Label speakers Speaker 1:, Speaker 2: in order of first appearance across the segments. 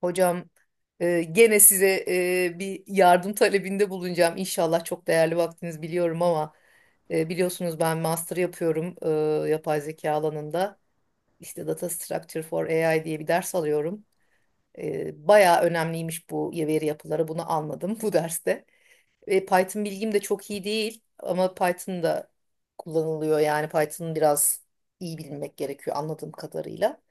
Speaker 1: Hocam gene size bir yardım talebinde bulunacağım. İnşallah çok değerli vaktiniz biliyorum ama biliyorsunuz ben master yapıyorum yapay zeka alanında. İşte Data Structure for AI diye bir ders alıyorum. Bayağı önemliymiş bu veri yapıları. Bunu anladım bu derste. Python bilgim de çok iyi değil ama Python da kullanılıyor. Yani Python biraz iyi bilmek gerekiyor anladığım kadarıyla.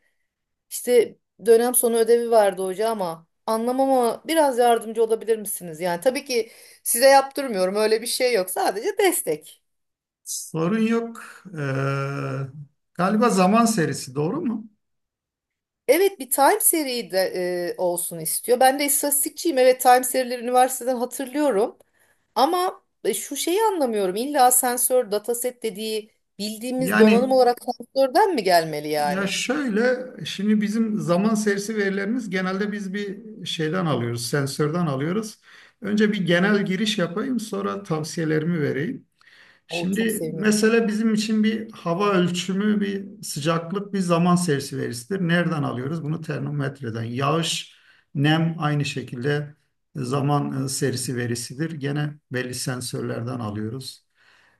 Speaker 1: İşte dönem sonu ödevi vardı hoca ama anlamama biraz yardımcı olabilir misiniz? Yani tabii ki size yaptırmıyorum, öyle bir şey yok, sadece destek.
Speaker 2: Sorun yok. Ee, Galiba zaman serisi doğru mu?
Speaker 1: Evet, bir time seri de olsun istiyor. Ben de istatistikçiyim, evet time serileri üniversiteden hatırlıyorum. Ama şu şeyi anlamıyorum, illa sensör dataset dediği bildiğimiz donanım
Speaker 2: Yani
Speaker 1: olarak sensörden mi gelmeli
Speaker 2: ya
Speaker 1: yani?
Speaker 2: şöyle şimdi bizim zaman serisi verilerimiz genelde biz bir şeyden alıyoruz, sensörden alıyoruz. Önce bir genel giriş yapayım, sonra tavsiyelerimi vereyim.
Speaker 1: Oo, çok
Speaker 2: Şimdi
Speaker 1: sevinirim.
Speaker 2: mesela bizim için bir hava ölçümü, bir sıcaklık, bir zaman serisi verisidir. Nereden alıyoruz? Bunu termometreden. Yağış, nem aynı şekilde zaman serisi verisidir. Gene belli sensörlerden alıyoruz.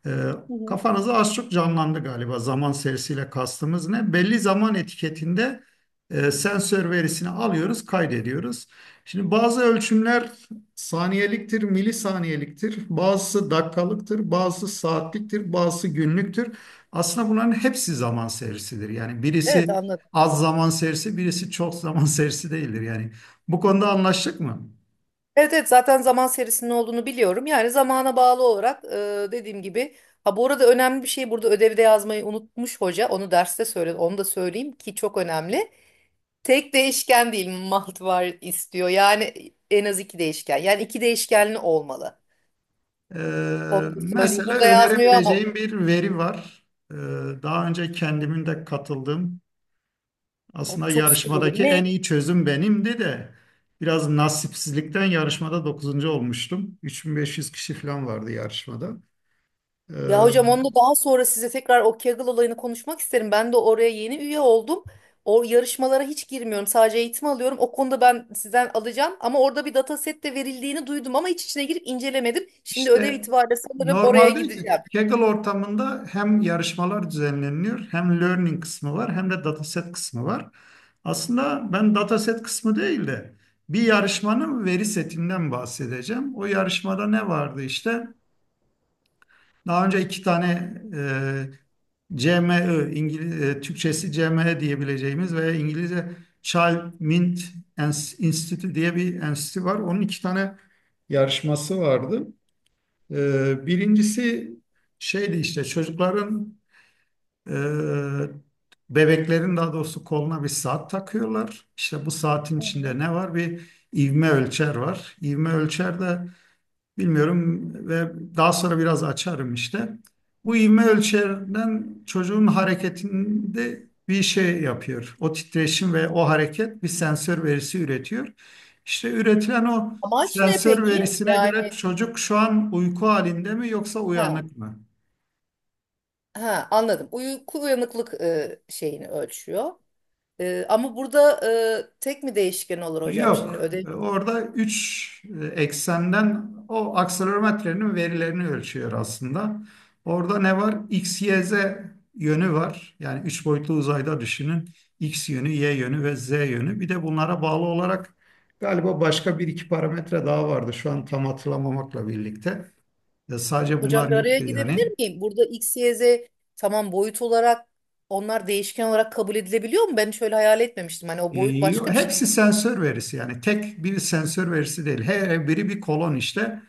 Speaker 2: Ee,
Speaker 1: Hı hı.
Speaker 2: Kafanızı az çok canlandı galiba zaman serisiyle kastımız ne? Belli zaman etiketinde sensör verisini alıyoruz, kaydediyoruz. Şimdi bazı ölçümler saniyeliktir, milisaniyeliktir, bazısı dakikalıktır, bazısı saatliktir, bazısı günlüktür. Aslında bunların hepsi zaman serisidir. Yani
Speaker 1: Evet,
Speaker 2: birisi
Speaker 1: anladım.
Speaker 2: az zaman serisi, birisi çok zaman serisi değildir. Yani bu konuda anlaştık mı?
Speaker 1: Evet evet, zaten zaman serisinin olduğunu biliyorum. Yani zamana bağlı olarak dediğim gibi. Ha, bu arada önemli bir şey, burada ödevde yazmayı unutmuş hoca. Onu derste söyle, onu da söyleyeyim ki çok önemli. Tek değişken değil, multivar istiyor. Yani en az iki değişken. Yani iki değişkenli olmalı. Onu da söyleyeyim.
Speaker 2: Mesela
Speaker 1: Burada yazmıyor ama
Speaker 2: önerebileceğim bir veri var. Ee, Daha önce kendimin de katıldığım,
Speaker 1: o
Speaker 2: aslında
Speaker 1: çok süper olur.
Speaker 2: yarışmadaki
Speaker 1: Ne?
Speaker 2: en iyi çözüm benimdi de biraz nasipsizlikten yarışmada dokuzuncu olmuştum. 3.500 kişi falan vardı yarışmada. Ee,
Speaker 1: Ya hocam, onu da daha sonra size tekrar o Kaggle olayını konuşmak isterim. Ben de oraya yeni üye oldum. O yarışmalara hiç girmiyorum. Sadece eğitim alıyorum. O konuda ben sizden alacağım. Ama orada bir dataset de verildiğini duydum ama hiç içine girip incelemedim. Şimdi ödev
Speaker 2: İşte
Speaker 1: itibariyle sanırım oraya
Speaker 2: normalde
Speaker 1: gideceğim.
Speaker 2: Kaggle ortamında hem yarışmalar düzenleniyor, hem learning kısmı var, hem de dataset kısmı var. Aslında ben dataset kısmı değil de bir yarışmanın veri setinden bahsedeceğim. O yarışmada ne vardı işte? Daha önce iki tane e, CME, İngiliz, Türkçesi CME diyebileceğimiz veya İngilizce Child Mint Institute diye bir enstitü var. Onun iki tane yarışması vardı. Birincisi şeydi işte çocukların e, bebeklerin daha doğrusu koluna bir saat takıyorlar. İşte bu saatin
Speaker 1: Hı hı.
Speaker 2: içinde ne var? Bir ivme ölçer var. İvme ölçer de bilmiyorum ve daha sonra biraz açarım işte. Bu ivme ölçerden çocuğun hareketinde bir şey yapıyor. O titreşim ve o hareket bir sensör verisi üretiyor. İşte üretilen o
Speaker 1: Amaç ne
Speaker 2: sensör
Speaker 1: peki?
Speaker 2: verisine göre çocuk şu an uyku halinde mi yoksa
Speaker 1: Ha,
Speaker 2: uyanık mı?
Speaker 1: ha, anladım. Uyku uyanıklık şeyini ölçüyor. Ama burada tek mi değişken olur hocam? Şimdi
Speaker 2: Yok.
Speaker 1: ödev.
Speaker 2: Orada 3 eksenden o akselerometrenin verilerini ölçüyor aslında. Orada ne var? X, Y, Z yönü var. Yani 3 boyutlu uzayda düşünün. X yönü, Y yönü ve Z yönü. Bir de bunlara bağlı olarak galiba başka bir iki parametre daha vardı. Şu an tam hatırlamamakla birlikte. Ya sadece bunlar
Speaker 1: Hocam, bir araya
Speaker 2: yoktu
Speaker 1: girebilir
Speaker 2: yani.
Speaker 1: miyim? Burada X, Y, Z, tamam boyut olarak onlar değişken olarak kabul edilebiliyor mu? Ben şöyle hayal etmemiştim. Hani o
Speaker 2: E,
Speaker 1: boyut başka bir şey.
Speaker 2: Hepsi sensör verisi yani tek bir sensör verisi değil. Her biri bir kolon işte.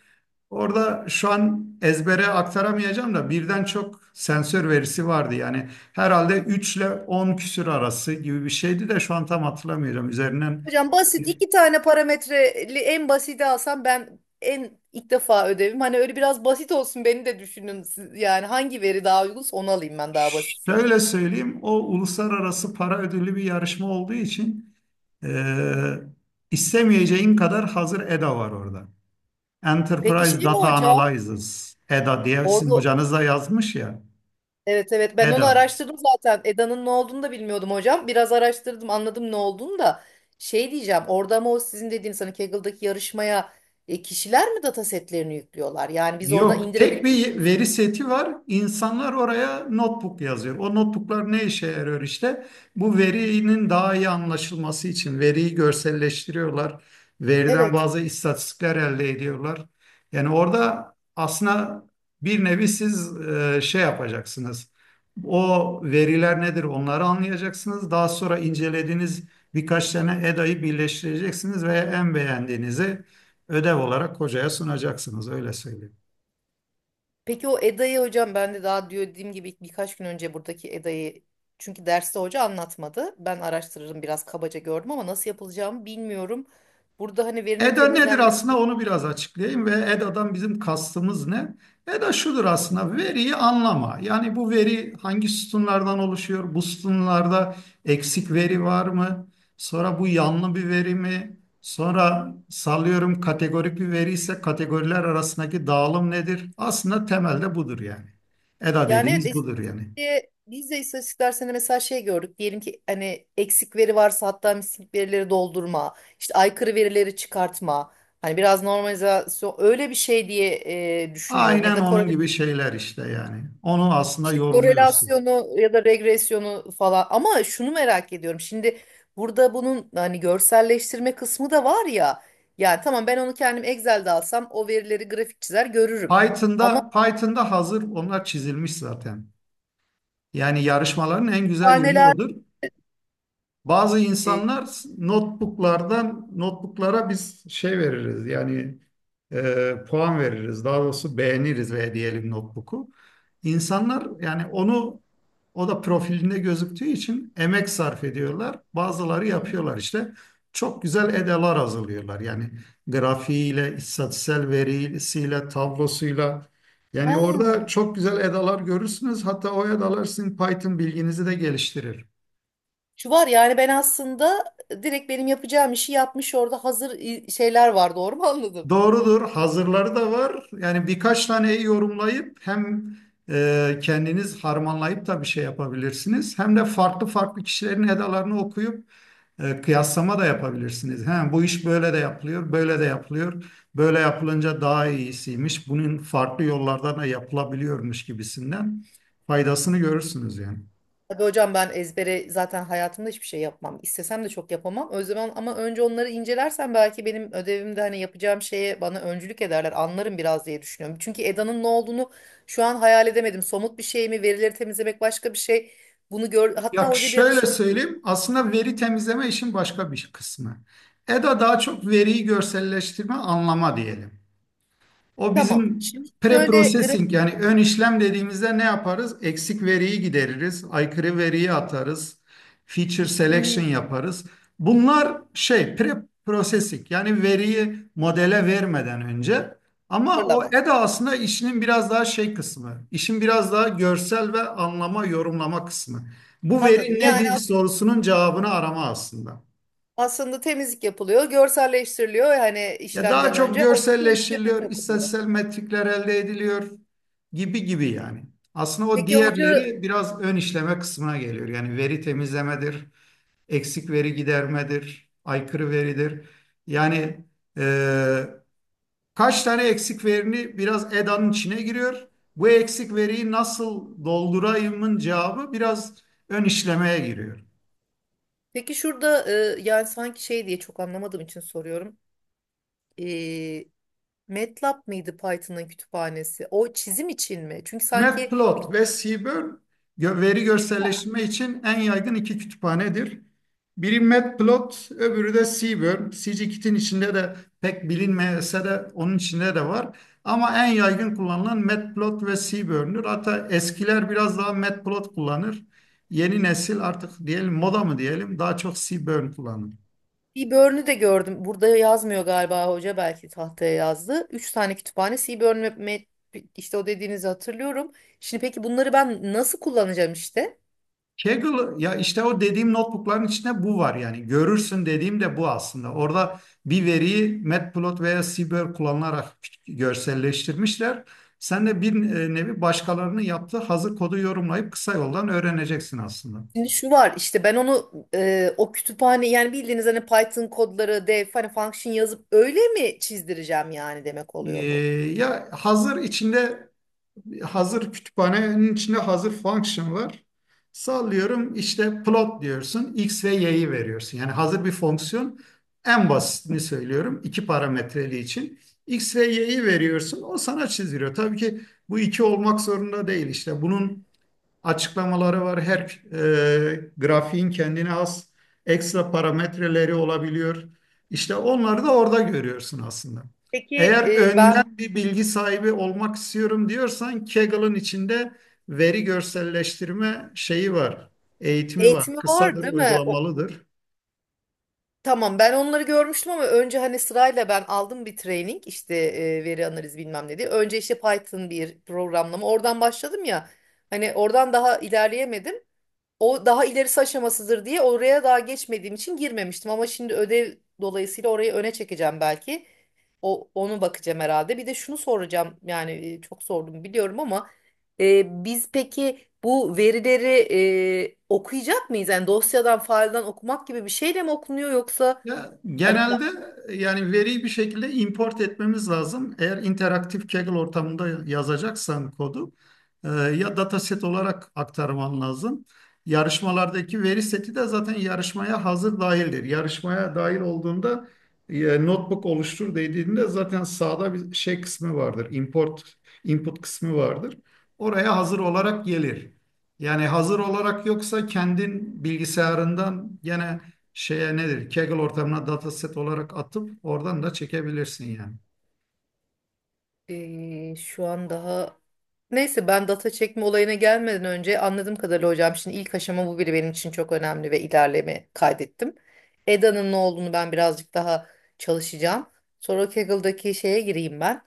Speaker 2: Orada şu an ezbere aktaramayacağım da birden çok sensör verisi vardı. Yani herhalde 3 ile 10 küsür arası gibi bir şeydi de şu an tam hatırlamıyorum. Üzerinden
Speaker 1: Hocam, basit iki tane parametreli en basiti alsam, ben en ilk defa ödevim. Hani öyle biraz basit olsun, beni de düşünün. Siz- yani hangi veri daha uygunsa onu alayım, ben daha basitse.
Speaker 2: şöyle söyleyeyim, o uluslararası para ödüllü bir yarışma olduğu için e, istemeyeceğin kadar hazır EDA var orada.
Speaker 1: Peki
Speaker 2: Enterprise
Speaker 1: şey mi
Speaker 2: Data
Speaker 1: hocam?
Speaker 2: Analysis, EDA diye sizin
Speaker 1: Orada.
Speaker 2: hocanız da yazmış ya.
Speaker 1: Evet evet, ben onu
Speaker 2: EDA.
Speaker 1: araştırdım zaten. Eda'nın ne olduğunu da bilmiyordum hocam. Biraz araştırdım, anladım ne olduğunu da. Şey diyeceğim, orada ama o sizin dediğiniz hani Kaggle'daki yarışmaya kişiler mi data setlerini yüklüyorlar? Yani biz oradan
Speaker 2: Yok, tek
Speaker 1: indirebiliyor
Speaker 2: bir
Speaker 1: muyuz?
Speaker 2: veri seti var. İnsanlar oraya notebook yazıyor. O notebooklar ne işe yarıyor işte? Bu verinin daha iyi anlaşılması için veriyi görselleştiriyorlar. Veriden
Speaker 1: Evet.
Speaker 2: bazı istatistikler elde ediyorlar. Yani orada aslında bir nevi siz şey yapacaksınız. O veriler nedir onları anlayacaksınız. Daha sonra incelediğiniz birkaç tane EDA'yı birleştireceksiniz ve en beğendiğinizi ödev olarak hocaya sunacaksınız. Öyle söyleyeyim.
Speaker 1: Peki o Eda'yı hocam ben de daha diyor, dediğim gibi birkaç gün önce buradaki Eda'yı, çünkü derste hoca anlatmadı. Ben araştırırım, biraz kabaca gördüm ama nasıl yapılacağımı bilmiyorum. Burada hani verinin
Speaker 2: EDA nedir aslında
Speaker 1: temizlenmesi.
Speaker 2: onu biraz açıklayayım ve EDA'dan bizim kastımız ne? EDA şudur aslında, veriyi anlama. Yani bu veri hangi sütunlardan oluşuyor? Bu sütunlarda eksik veri var mı? Sonra bu yanlı bir veri mi? Sonra sallıyorum, kategorik bir veri ise kategoriler arasındaki dağılım nedir? Aslında temelde budur yani. EDA
Speaker 1: Yani evet,
Speaker 2: dediğimiz budur
Speaker 1: istatistik
Speaker 2: yani.
Speaker 1: diye biz de istatistik dersinde mesela şey gördük. Diyelim ki hani eksik veri varsa, hatta mislik verileri doldurma, işte aykırı verileri çıkartma. Hani biraz normalizasyon, öyle bir şey diye düşünüyorum. Ya
Speaker 2: Aynen
Speaker 1: da
Speaker 2: onun
Speaker 1: korela,
Speaker 2: gibi şeyler işte yani. Onu aslında
Speaker 1: işte
Speaker 2: yorumluyorsun.
Speaker 1: korelasyonu ya da regresyonu falan. Ama şunu merak ediyorum. Şimdi burada bunun hani görselleştirme kısmı da var ya. Yani tamam, ben onu kendim Excel'de alsam o verileri grafik çizer görürüm. Ama
Speaker 2: Python'da hazır onlar çizilmiş zaten. Yani yarışmaların en güzel yönü
Speaker 1: kütüphaneler...
Speaker 2: odur. Bazı
Speaker 1: E,
Speaker 2: insanlar notebooklardan notebooklara biz şey veririz yani, puan veririz daha doğrusu, beğeniriz ve diyelim notebook'u. İnsanlar yani onu, o da profilinde gözüktüğü için emek sarf ediyorlar. Bazıları
Speaker 1: Hı hı.
Speaker 2: yapıyorlar işte. Çok güzel edalar hazırlıyorlar. Yani grafiğiyle, istatistiksel verisiyle, tablosuyla. Yani orada
Speaker 1: Ha.
Speaker 2: çok güzel edalar görürsünüz. Hatta o edalar sizin Python bilginizi de geliştirir.
Speaker 1: Şu var, yani ben aslında direkt benim yapacağım işi yapmış orada hazır i- şeyler var, doğru mu anladım?
Speaker 2: Doğrudur. Hazırları da var. Yani birkaç taneyi yorumlayıp hem kendiniz harmanlayıp da bir şey yapabilirsiniz. Hem de farklı farklı kişilerin edalarını okuyup kıyaslama da yapabilirsiniz. He, bu iş böyle de yapılıyor, böyle de yapılıyor. Böyle yapılınca daha iyisiymiş. Bunun farklı yollardan da yapılabiliyormuş gibisinden faydasını görürsünüz yani.
Speaker 1: Tabii hocam, ben ezbere zaten hayatımda hiçbir şey yapmam. İstesem de çok yapamam. O zaman ama önce onları incelersen belki benim ödevimde hani yapacağım şeye bana öncülük ederler. Anlarım biraz diye düşünüyorum. Çünkü EDA'nın ne olduğunu şu an hayal edemedim. Somut bir şey mi? Verileri temizlemek başka bir şey. Bunu gör. Hatta
Speaker 2: Ya
Speaker 1: hoca bir ara
Speaker 2: şöyle
Speaker 1: şey dedi.
Speaker 2: söyleyeyim. Aslında veri temizleme işin başka bir kısmı. EDA daha çok veriyi görselleştirme, anlama diyelim. O
Speaker 1: Tamam.
Speaker 2: bizim
Speaker 1: Şimdi şöyle
Speaker 2: pre-processing
Speaker 1: grafik.
Speaker 2: yani ön işlem dediğimizde ne yaparız? Eksik veriyi gideririz, aykırı veriyi atarız, feature
Speaker 1: Hı
Speaker 2: selection
Speaker 1: hı.
Speaker 2: yaparız. Bunlar şey, pre-processing yani veriyi modele vermeden önce. Ama o
Speaker 1: Hazırlamak.
Speaker 2: EDA aslında işinin biraz daha şey kısmı, işin biraz daha görsel ve anlama, yorumlama kısmı. Bu veri
Speaker 1: Anladım. Yani
Speaker 2: nedir sorusunun cevabını arama aslında.
Speaker 1: aslında temizlik yapılıyor, görselleştiriliyor hani
Speaker 2: Ya daha
Speaker 1: işlemden
Speaker 2: çok
Speaker 1: önce, ama sonra işleme
Speaker 2: görselleştiriliyor,
Speaker 1: katılıyor.
Speaker 2: istatistiksel metrikler elde ediliyor gibi gibi yani. Aslında o
Speaker 1: Peki hoca,
Speaker 2: diğerleri biraz ön işleme kısmına geliyor. Yani veri temizlemedir, eksik veri gidermedir, aykırı veridir. Yani e, kaç tane eksik verini biraz EDA'nın içine giriyor. Bu eksik veriyi nasıl doldurayımın cevabı biraz ön işlemeye giriyor.
Speaker 1: peki şurada yani sanki şey diye çok anlamadığım için soruyorum. E, MATLAB mıydı Python'ın kütüphanesi? O çizim için mi? Çünkü sanki bir,
Speaker 2: Matplot ve Seaborn veri görselleştirme için en yaygın iki kütüphanedir. Biri Matplot, öbürü de Seaborn. Scikit'in içinde de pek bilinmese de onun içinde de var. Ama en yaygın kullanılan Matplot ve Seaborn'dur. Hatta eskiler biraz daha Matplot kullanır. Yeni nesil artık, diyelim moda mı diyelim, daha çok Seaborn kullanır.
Speaker 1: bir börnü de gördüm. Burada yazmıyor galiba hoca, belki tahtaya yazdı. Üç tane kütüphane Seaborn ve Mat- işte o dediğinizi hatırlıyorum. Şimdi peki bunları ben nasıl kullanacağım işte?
Speaker 2: Kaggle ya, işte o dediğim notebookların içinde bu var yani, görürsün dediğim de bu aslında. Orada bir veriyi Matplotlib veya seabird kullanılarak görselleştirmişler. Sen de bir nevi başkalarının yaptığı hazır kodu yorumlayıp kısa yoldan öğreneceksin aslında.
Speaker 1: Şimdi şu var işte, ben onu o kütüphane yani bildiğiniz hani Python kodları def hani function yazıp öyle mi çizdireceğim, yani demek
Speaker 2: Ee,
Speaker 1: oluyor bu.
Speaker 2: Ya hazır içinde, hazır kütüphanenin içinde hazır function var. Sallıyorum, işte plot diyorsun. X ve Y'yi veriyorsun. Yani hazır bir fonksiyon. En basitini söylüyorum, iki parametreli için. X ve Y'yi veriyorsun. O sana çiziyor. Tabii ki bu iki olmak zorunda değil. İşte bunun açıklamaları var. Her grafiğin kendine has ekstra parametreleri olabiliyor. İşte onları da orada görüyorsun aslında.
Speaker 1: Peki
Speaker 2: Eğer
Speaker 1: ben
Speaker 2: önden bir bilgi sahibi olmak istiyorum diyorsan, Kaggle'ın içinde veri görselleştirme şeyi var, eğitimi var.
Speaker 1: eğitimi var
Speaker 2: Kısadır,
Speaker 1: değil mi? O,
Speaker 2: uygulamalıdır.
Speaker 1: tamam ben onları görmüştüm ama önce hani sırayla ben aldım bir training işte veri analiz bilmem ne diye. Önce işte Python bir programlama oradan başladım ya, hani oradan daha ilerleyemedim. O daha ilerisi aşamasıdır diye oraya daha geçmediğim için girmemiştim ama şimdi ödev dolayısıyla orayı öne çekeceğim belki. O, onu bakacağım herhalde. Bir de şunu soracağım. Yani çok sordum biliyorum ama biz peki bu verileri okuyacak mıyız? Yani dosyadan, failden okumak gibi bir şeyle mi okunuyor, yoksa
Speaker 2: Ya
Speaker 1: hani
Speaker 2: genelde
Speaker 1: pa-
Speaker 2: yani veriyi bir şekilde import etmemiz lazım. Eğer interaktif Kaggle ortamında yazacaksan kodu, ya dataset olarak aktarman lazım. Yarışmalardaki veri seti de zaten yarışmaya hazır dahildir. Yarışmaya dahil olduğunda, notebook oluştur dediğinde zaten sağda bir şey kısmı vardır. Import, input kısmı vardır. Oraya hazır olarak gelir. Yani hazır olarak yoksa kendin bilgisayarından gene şeye nedir? Kaggle ortamına dataset olarak atıp oradan da çekebilirsin yani.
Speaker 1: şu an daha, neyse ben data çekme olayına gelmeden önce anladığım kadarıyla hocam, şimdi ilk aşama bu biri benim için çok önemli ve ilerleme kaydettim. EDA'nın ne olduğunu ben birazcık daha çalışacağım. Sonra Kaggle'daki şeye gireyim ben.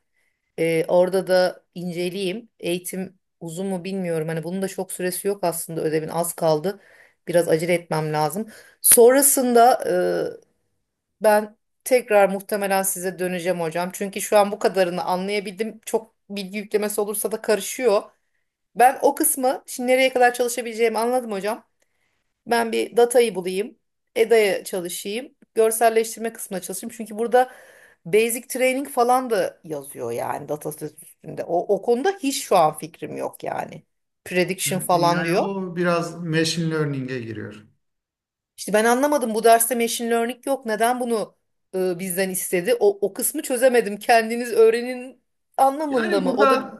Speaker 1: Orada da inceleyeyim. Eğitim uzun mu bilmiyorum. Hani bunun da çok süresi yok aslında, ödevin az kaldı. Biraz acele etmem lazım. Sonrasında ben tekrar muhtemelen size döneceğim hocam. Çünkü şu an bu kadarını anlayabildim. Çok bilgi yüklemesi olursa da karışıyor. Ben o kısmı şimdi nereye kadar çalışabileceğimi anladım hocam. Ben bir datayı bulayım. EDA'ya çalışayım. Görselleştirme kısmına çalışayım. Çünkü burada basic training falan da yazıyor yani dataset üstünde. O, o konuda hiç şu an fikrim yok yani. Prediction falan
Speaker 2: Yani
Speaker 1: diyor.
Speaker 2: o biraz machine learning'e giriyor.
Speaker 1: İşte ben anlamadım, bu derste machine learning yok. Neden bunu bizden istedi? O, o kısmı çözemedim. Kendiniz öğrenin anlamında
Speaker 2: Yani
Speaker 1: mı? O da bir-
Speaker 2: burada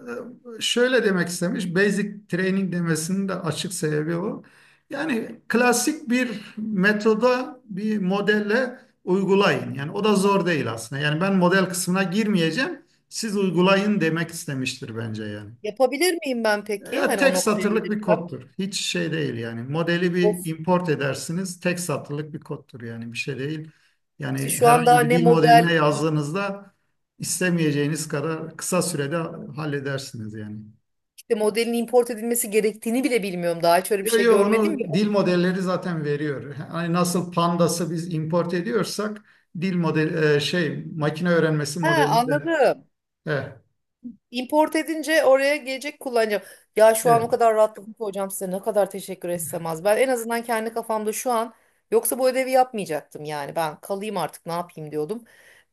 Speaker 2: şöyle demek istemiş, basic training demesinin de açık sebebi o. Yani klasik bir metoda, bir modelle uygulayın. Yani o da zor değil aslında. Yani ben model kısmına girmeyeceğim, siz uygulayın demek istemiştir bence yani.
Speaker 1: yapabilir miyim ben peki?
Speaker 2: Ya
Speaker 1: Hani o
Speaker 2: tek
Speaker 1: noktaya
Speaker 2: satırlık bir
Speaker 1: gelirsem.
Speaker 2: koddur. Hiç şey değil yani. Modeli bir
Speaker 1: Of,
Speaker 2: import edersiniz. Tek satırlık bir koddur yani, bir şey değil.
Speaker 1: işte
Speaker 2: Yani
Speaker 1: şu an daha
Speaker 2: herhangi bir
Speaker 1: ne
Speaker 2: dil modeline
Speaker 1: model
Speaker 2: yazdığınızda istemeyeceğiniz kadar kısa sürede halledersiniz yani.
Speaker 1: de modelin import edilmesi gerektiğini bile bilmiyorum. Daha hiç öyle bir
Speaker 2: Yo
Speaker 1: şey
Speaker 2: yo,
Speaker 1: görmedim
Speaker 2: onu
Speaker 1: ya.
Speaker 2: dil modelleri zaten veriyor. Hani nasıl Pandas'ı biz import ediyorsak, dil model şey, makine öğrenmesi
Speaker 1: Ha
Speaker 2: modelini de
Speaker 1: anladım.
Speaker 2: eh,
Speaker 1: Import edince oraya gelecek, kullanacağım. Ya şu an o
Speaker 2: evet.
Speaker 1: kadar rahatladım ki hocam, size ne kadar teşekkür etsem az. Ben en azından kendi kafamda şu an, yoksa bu ödevi yapmayacaktım yani. Ben kalayım artık, ne yapayım diyordum.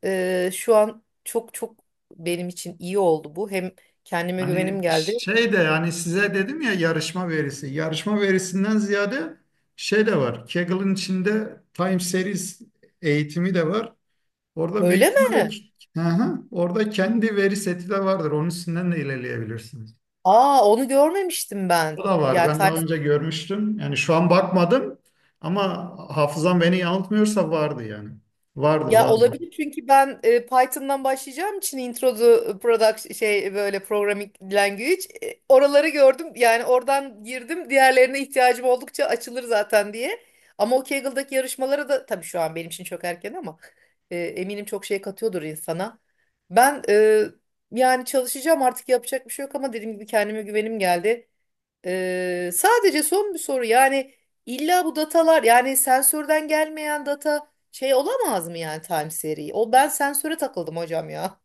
Speaker 1: Şu an çok çok benim için iyi oldu bu. Hem kendime güvenim
Speaker 2: Hani
Speaker 1: geldi.
Speaker 2: şey de, yani size dedim ya yarışma verisi. Yarışma verisinden ziyade şey de var. Kaggle'ın içinde Time Series eğitimi de var. Orada büyük
Speaker 1: Öyle
Speaker 2: ihtimalle
Speaker 1: mi?
Speaker 2: hı hı, orada kendi veri seti de vardır. Onun üstünden de ilerleyebilirsiniz.
Speaker 1: Aa, onu görmemiştim ben.
Speaker 2: O da var.
Speaker 1: Yani
Speaker 2: Ben
Speaker 1: ters.
Speaker 2: daha önce görmüştüm. Yani şu an bakmadım, ama hafızam beni yanıltmıyorsa vardı yani. Vardı,
Speaker 1: Ya
Speaker 2: vardı.
Speaker 1: olabilir, çünkü ben Python'dan başlayacağım için intro to product şey böyle programming language oraları gördüm. Yani oradan girdim. Diğerlerine ihtiyacım oldukça açılır zaten diye. Ama o Kaggle'daki yarışmalara da tabii şu an benim için çok erken ama eminim çok şey katıyordur insana. Ben e, Yani çalışacağım artık, yapacak bir şey yok ama dediğim gibi kendime güvenim geldi. Sadece son bir soru, yani illa bu datalar yani sensörden gelmeyen data şey olamaz mı yani time seri? O ben sensöre takıldım hocam ya.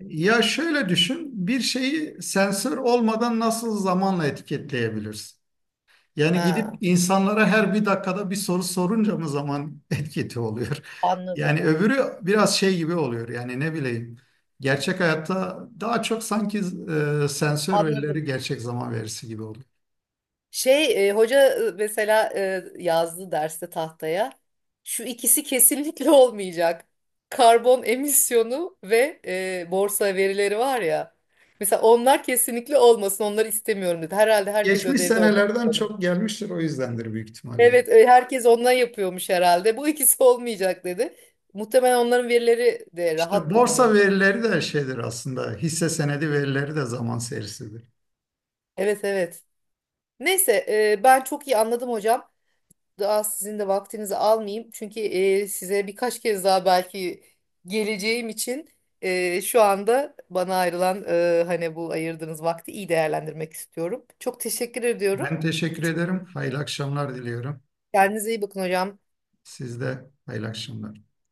Speaker 2: Ya şöyle düşün, bir şeyi sensör olmadan nasıl zamanla etiketleyebilirsin? Yani gidip
Speaker 1: Ha,
Speaker 2: insanlara her bir dakikada bir soru sorunca mı zaman etkisi oluyor? Yani
Speaker 1: anladım.
Speaker 2: öbürü biraz şey gibi oluyor. Yani ne bileyim. Gerçek hayatta daha çok sanki sensör verileri
Speaker 1: Anladım.
Speaker 2: gerçek zaman verisi gibi oluyor.
Speaker 1: Hoca mesela yazdı derste tahtaya. Şu ikisi kesinlikle olmayacak. Karbon emisyonu ve borsa verileri var ya. Mesela onlar kesinlikle olmasın, onları istemiyorum dedi. Herhalde herkes
Speaker 2: Geçmiş
Speaker 1: ödevde onları.
Speaker 2: senelerden çok gelmiştir, o yüzdendir büyük ihtimalle.
Speaker 1: Evet, herkes ondan yapıyormuş herhalde. Bu ikisi olmayacak dedi. Muhtemelen onların verileri de
Speaker 2: İşte
Speaker 1: rahat
Speaker 2: borsa
Speaker 1: bulunuyordu.
Speaker 2: verileri de şeydir aslında. Hisse senedi verileri de zaman serisidir.
Speaker 1: Evet, evet. Neyse, ben çok iyi anladım hocam. Daha sizin de vaktinizi almayayım. Çünkü size birkaç kez daha belki geleceğim için şu anda bana ayrılan hani bu ayırdığınız vakti iyi değerlendirmek istiyorum. Çok teşekkür ediyorum.
Speaker 2: Ben teşekkür
Speaker 1: Çok-
Speaker 2: ederim. Hayırlı akşamlar diliyorum.
Speaker 1: Kendinize iyi bakın hocam.
Speaker 2: Siz de hayırlı akşamlar.